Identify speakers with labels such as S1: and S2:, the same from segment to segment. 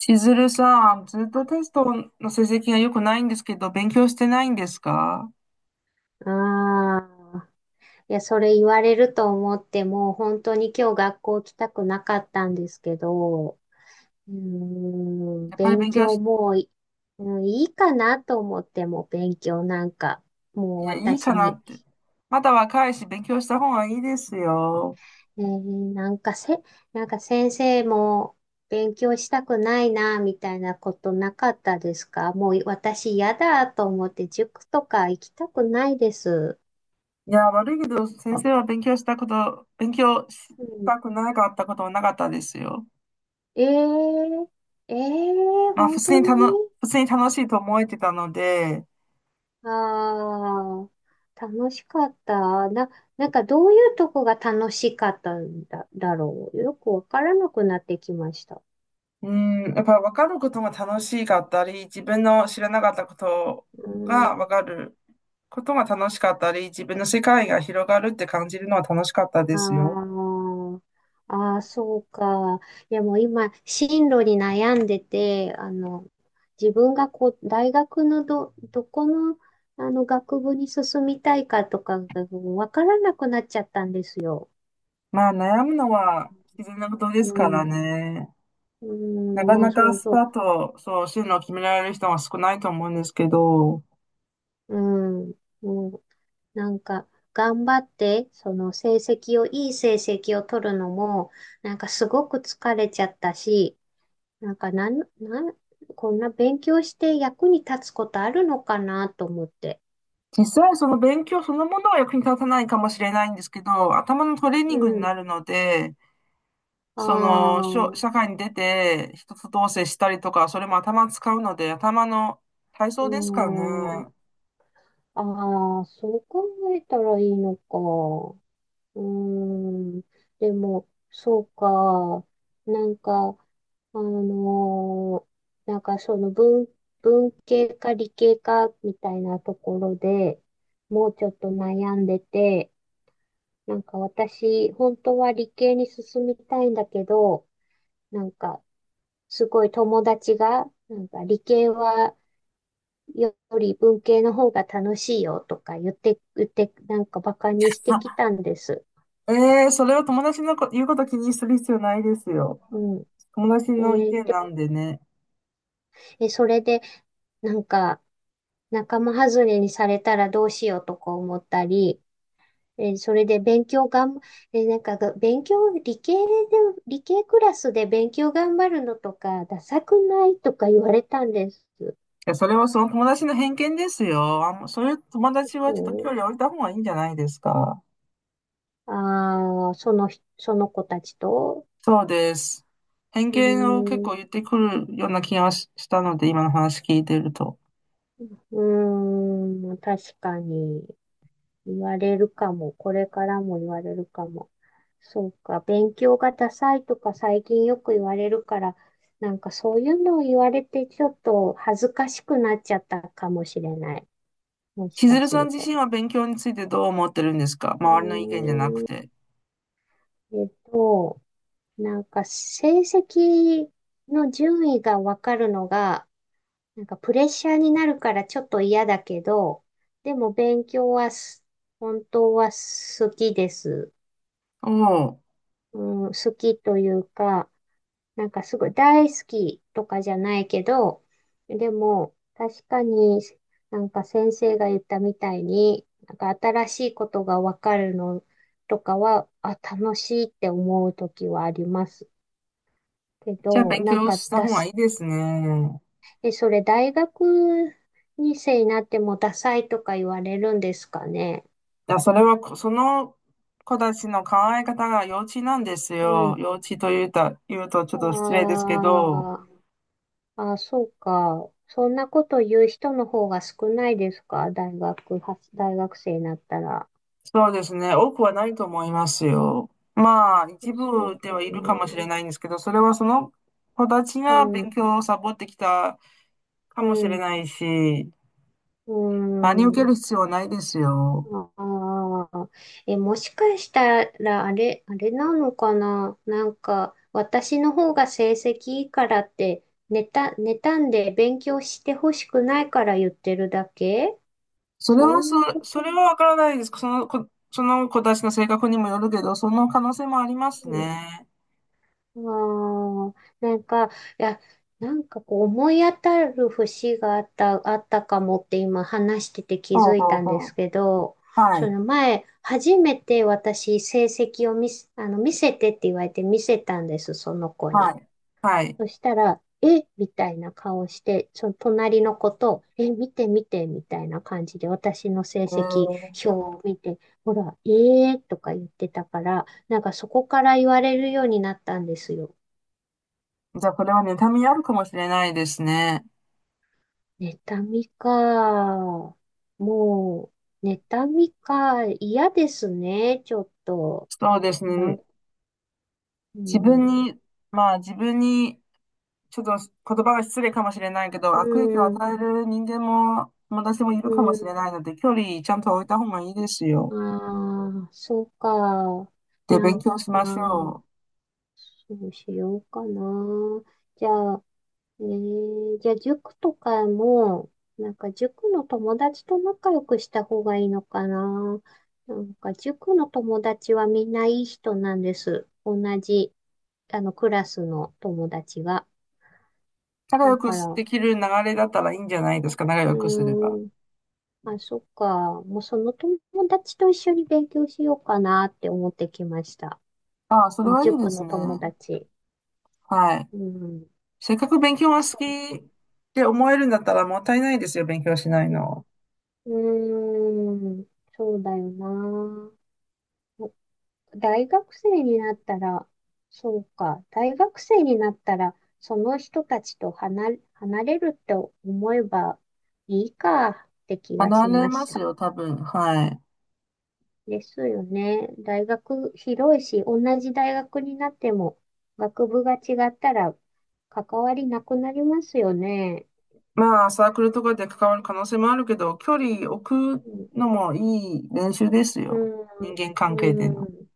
S1: しずるさん、ずっとテストの成績が良くないんですけど、勉強してないんですか？
S2: ああ、いや、それ言われると思って、もう本当に今日学校来たくなかったんですけど、
S1: やっぱり
S2: 勉
S1: 勉強
S2: 強
S1: し、
S2: もうい、うんいいかなと思っても、勉強なんか、
S1: い
S2: もう
S1: や、いい
S2: 私
S1: かな
S2: に、
S1: って。まだ若いし、勉強した方がいいですよ。
S2: ねえーなんかせ、先生も勉強したくないな、みたいなことなかったですか？もう私嫌だと思って、塾とか行きたくないです。
S1: いや、悪いけど、先生は勉強したこと、勉強し
S2: うん、
S1: たくなかったことはなかったですよ。
S2: えーええ、
S1: まあ、普
S2: 本
S1: 通
S2: 当
S1: に
S2: に。
S1: たの、普通に楽しいと思えてたので、
S2: ああ、楽しかった。どういうとこが楽しかっただろう。よくわからなくなってきました。
S1: うん、やっぱ分かることが楽しかったり、自分の知らなかったこと
S2: うー
S1: が分
S2: ん。
S1: かる、ことが楽しかったり、自分の世界が広がるって感じるのは楽しかったで
S2: あ
S1: すよ。
S2: あ、ああ、そうか。いやもう今、進路に悩んでて、自分がこう、大学のど、どこの、あの、学部に進みたいかとかがわからなくなっちゃったんですよ。
S1: まあ悩むのは必然なことです
S2: う
S1: から
S2: ん。
S1: ね。
S2: う
S1: な
S2: ん、
S1: か
S2: もう
S1: な
S2: そ
S1: か
S2: う
S1: スパ
S2: そ
S1: ッとそう進路を決められる人は少ないと思うんですけど、
S2: う。うん。もうんなんか、頑張って、その成績を、いい成績を取るのも、なんかすごく疲れちゃったし、なんかなん、なん、こんな勉強して役に立つことあるのかなと思って。
S1: 実際その勉強そのものは役に立たないかもしれないんですけど、頭のトレー
S2: う
S1: ニングに
S2: ん。
S1: なるので、
S2: あ
S1: その、社
S2: あ、
S1: 会に出て、人と同棲したりとか、それも頭使うので、頭の体
S2: う
S1: 操ですかね。
S2: ーん。ああ、そう考えたらいいのか。うーん。でも、そうか。なんか、あのーなんかその文、文系か理系かみたいなところでもうちょっと悩んでて、なんか私、本当は理系に進みたいんだけど、なんかすごい友達が、なんか理系はより文系の方が楽しいよとか言って、なんかバカにしてき
S1: あ、
S2: たんです。
S1: ええ、それは友達の言うこと気にする必要ないですよ。
S2: うん。
S1: 友達の意
S2: え
S1: 見
S2: で
S1: な
S2: も、
S1: んでね。
S2: それで、なんか仲間外れにされたらどうしようとか思ったり、えーそれで勉強がん、えーなんかが、勉強、理系で、理系クラスで勉強頑張るのとか、ダサくないとか言われたんです。
S1: いや、それはその友達の偏見ですよ。あんま、そういう友達は
S2: そ
S1: ちょっと距離置いた方がいいんじゃないですか。
S2: う。ああ、その人、その子たちと。
S1: そうです。偏
S2: う
S1: 見を結
S2: ー
S1: 構
S2: ん、
S1: 言ってくるような気がししたので、今の話聞いてると。
S2: うーん、確かに言われるかも。これからも言われるかも。そうか、勉強がダサいとか最近よく言われるから、なんかそういうのを言われてちょっと恥ずかしくなっちゃったかもしれない。もし
S1: 千
S2: か
S1: 鶴
S2: す
S1: さん
S2: る
S1: 自
S2: と。
S1: 身は勉強についてどう思ってるんですか？
S2: う
S1: 周りの意見じゃなく
S2: ーん、
S1: て。
S2: えっと、なんか成績の順位がわかるのが、なんかプレッシャーになるからちょっと嫌だけど、でも勉強はす本当は好きです。
S1: おお、
S2: うん、好きというか、なんかすごい大好きとかじゃないけど、でも確かになんか先生が言ったみたいに、なんか新しいことがわかるのとかは、あ、楽しいって思う時はありますけ
S1: じゃあ
S2: ど、
S1: 勉
S2: なん
S1: 強
S2: か
S1: した方
S2: だ
S1: がい
S2: す、
S1: いですね。
S2: え、それ大学2世になってもダサいとか言われるんですかね？
S1: いや、それはこ、その子たちの考え方が幼稚なんです
S2: う
S1: よ。
S2: ん。
S1: 幼稚というた、言うとちょっと失礼です
S2: あ
S1: けど。
S2: あ、そうか。そんなこと言う人の方が少ないですか？大学は、大学生になったら。
S1: そうですね。多くはないと思いますよ。まあ、一
S2: そう
S1: 部で
S2: か
S1: はいるかもしれ
S2: な。
S1: ないんですけど、それはその子たち
S2: う
S1: が勉
S2: ん、
S1: 強をサボってきたか
S2: う
S1: もしれ
S2: ん、
S1: ないし、
S2: う
S1: 真に受け
S2: ん。
S1: る必要はないですよ。
S2: ああ。え、もしかしたら、あれなのかな、なんか、私の方が成績いいからって、妬んで勉強してほしくないから言ってるだけ、
S1: それ
S2: そ
S1: は
S2: う
S1: そ、
S2: いうこ
S1: そ
S2: と。
S1: れはわからないです。その子たちの性格にもよるけど、その可能性もありますね。
S2: ああ、なんか、いや、なんかこう思い当たる節があった、あったかもって今話してて気
S1: ほう
S2: づい
S1: ほう
S2: たん
S1: ほ
S2: です
S1: う。
S2: けど、
S1: は
S2: そ
S1: い、
S2: の前、初めて私成績を見せ、あの、見せてって言われて見せたんです、その子
S1: は
S2: に。
S1: い、はい。
S2: そしたら、えみたいな顔して、その隣の子と、え、見て見てみたいな感じで私の成
S1: え
S2: 績
S1: ー、
S2: 表を見て、ほら、えーとか言ってたから、なんかそこから言われるようになったんですよ。
S1: じゃあ、これは妬みあるかもしれないですね。
S2: 妬みか。もう、妬みか。嫌ですね、ちょっと。
S1: そうです
S2: な
S1: ね。
S2: ん、う
S1: 自分
S2: ん、
S1: に、まあ自分にちょっと言葉が失礼かもしれないけど、
S2: う
S1: 悪影響を
S2: ん、
S1: 与える人間も、私もいる
S2: う
S1: かもしれ
S2: ん。
S1: ないので、距離ちゃんと置いた方がいいですよ。
S2: ああ、そうか。
S1: で、
S2: な
S1: 勉
S2: ん、
S1: 強し
S2: あ
S1: まし
S2: あ、
S1: ょう。
S2: そうしようかな。じゃあ、じゃあ塾とかも、なんか塾の友達と仲良くした方がいいのかな。なんか塾の友達はみんないい人なんです。同じ、あの、クラスの友達が。
S1: 仲良
S2: だ
S1: く
S2: から、
S1: で
S2: う
S1: きる流れだったらいいんじゃないですか、仲良
S2: ー
S1: くすれば。
S2: ん、まあ、そっか。もうその友達と一緒に勉強しようかなって思ってきました。
S1: ああ、それはいいで
S2: 塾
S1: す
S2: の
S1: ね。
S2: 友達。
S1: はい。
S2: うん、
S1: せっかく勉強が好
S2: そう。
S1: きって思えるんだったらもったいないですよ、勉強しないの。
S2: うん、うーん、そうだよな。大学生になったら、そうか、大学生になったら、その人たちと離れ、離れるって思えばいいかって気が
S1: 離
S2: し
S1: れ
S2: まし
S1: ます
S2: た。
S1: よ、多分。はい。
S2: ですよね。大学広いし、同じ大学になっても、学部が違ったら関わりなくなりますよね。
S1: まあ、サークルとかで関わる可能性もあるけど、距離置く
S2: うん、
S1: のもいい練習です
S2: う
S1: よ。
S2: ん、
S1: 人間関係で
S2: う
S1: の。
S2: ん、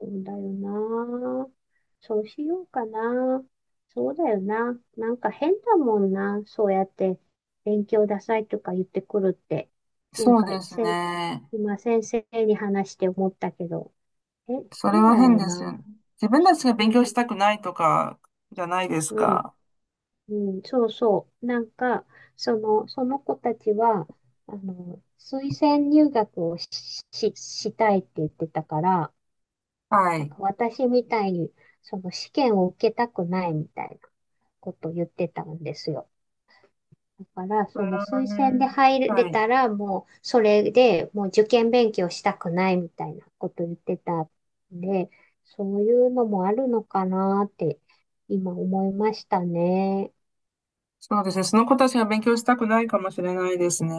S2: そうだよな。そうしようかな。そうだよな。なんか変だもんな。そうやって勉強ダサいとか言ってくるって。前
S1: そうで
S2: 回、
S1: す
S2: せ、
S1: ね。
S2: 今先生に話して思ったけど、え、
S1: それ
S2: 変
S1: は
S2: だ
S1: 変
S2: よ
S1: ですよ
S2: な。
S1: ね。自分たちが
S2: う
S1: 勉
S2: ん、
S1: 強したくないとかじゃないです
S2: うん、
S1: か。
S2: うん、そうそう。なんか、その子たちは、あの、推薦入学をし、し、したいって言ってたから、
S1: は
S2: なん
S1: い。
S2: か私みたいに、その試験を受けたくないみたいな。ことを言ってたんですよ。だから、
S1: それ
S2: その
S1: は
S2: 推薦で
S1: ね、
S2: 入れ
S1: はい。
S2: たら、もうそれでもう受験勉強したくないみたいなことを言ってたんで、そういうのもあるのかなって今思いましたね。
S1: そうですね。その子たちが勉強したくないかもしれないですね。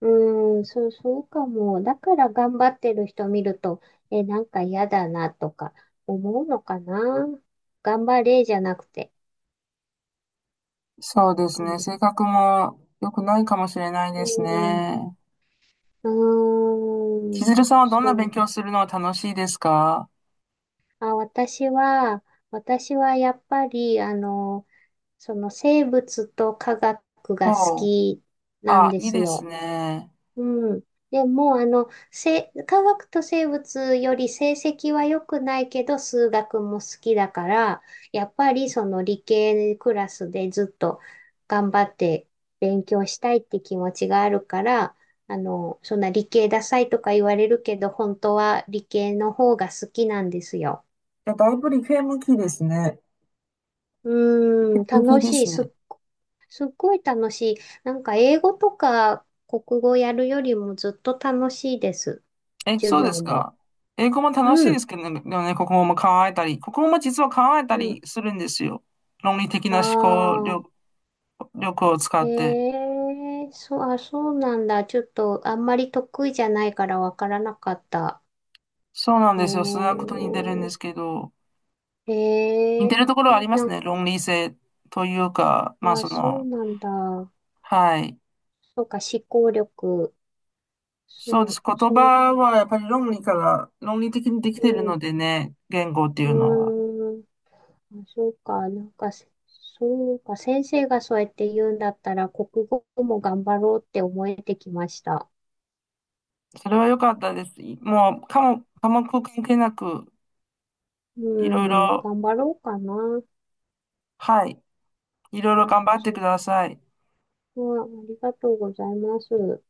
S2: うーん、そう、そうかも。だから頑張ってる人見ると、え、なんか嫌だなとか思うのかな。頑張れじゃなくて。そ
S1: そう
S2: う
S1: です
S2: か
S1: ね。
S2: も。
S1: 性格も良くないかもしれない
S2: う
S1: です
S2: ん、
S1: ね。
S2: うー
S1: 千
S2: ん、
S1: 鶴さんはどんな勉
S2: そう。
S1: 強するのが楽しいですか？
S2: あ、私はやっぱり、あの、その生物と科学が好
S1: ほう。
S2: きなん
S1: あ、
S2: で
S1: いい
S2: す
S1: です
S2: よ。
S1: ね。
S2: うん。でも、科学と生物より成績は良くないけど、数学も好きだから、やっぱりその理系クラスでずっと頑張って勉強したいって気持ちがあるから、あの、そんな理系ダサいとか言われるけど、本当は理系の方が好きなんですよ。
S1: いや、だいぶ理系向きですね。理
S2: う
S1: 系
S2: ーん、
S1: 向き
S2: 楽
S1: で
S2: しい。
S1: すね。
S2: すっごい楽しい。なんか英語とか国語やるよりもずっと楽しいです。
S1: え、
S2: 授
S1: そう
S2: 業
S1: です
S2: も。
S1: か。英語も楽しい
S2: う
S1: です
S2: ん。
S1: けどね、でもね、国語も考えたり、国語も実は考えた
S2: うん。
S1: りするんですよ。論理的
S2: あ
S1: な思考力、
S2: あ、
S1: 力を使って。
S2: へえ、あ、そうなんだ。ちょっとあんまり得意じゃないからわからなかった。
S1: そうなん
S2: へ
S1: ですよ。数学と似てるんで
S2: え、
S1: すけど、似
S2: へ
S1: て
S2: え、
S1: るところはありま
S2: な
S1: す
S2: んか、
S1: ね。論理性というか、まあ
S2: あ、
S1: そ
S2: そう
S1: の、
S2: なんだ。
S1: はい。
S2: そうか、思考力。
S1: そうです。言
S2: そう、
S1: 葉はやっぱり論理から、論理的にでき
S2: う
S1: ているの
S2: ん、
S1: でね、言語っていうのは。
S2: うーん。あ、そうか、なんかせ、そうか、先生がそうやって言うんだったら、国語も頑張ろうって思えてきました。
S1: それは良かったです。もう、科目関係なく、
S2: う
S1: いろい
S2: ん、
S1: ろ、
S2: 頑張ろうかな。
S1: はい。いろい
S2: う
S1: ろ
S2: ん、
S1: 頑張ってく
S2: そ
S1: ださい。
S2: こはありがとうございます。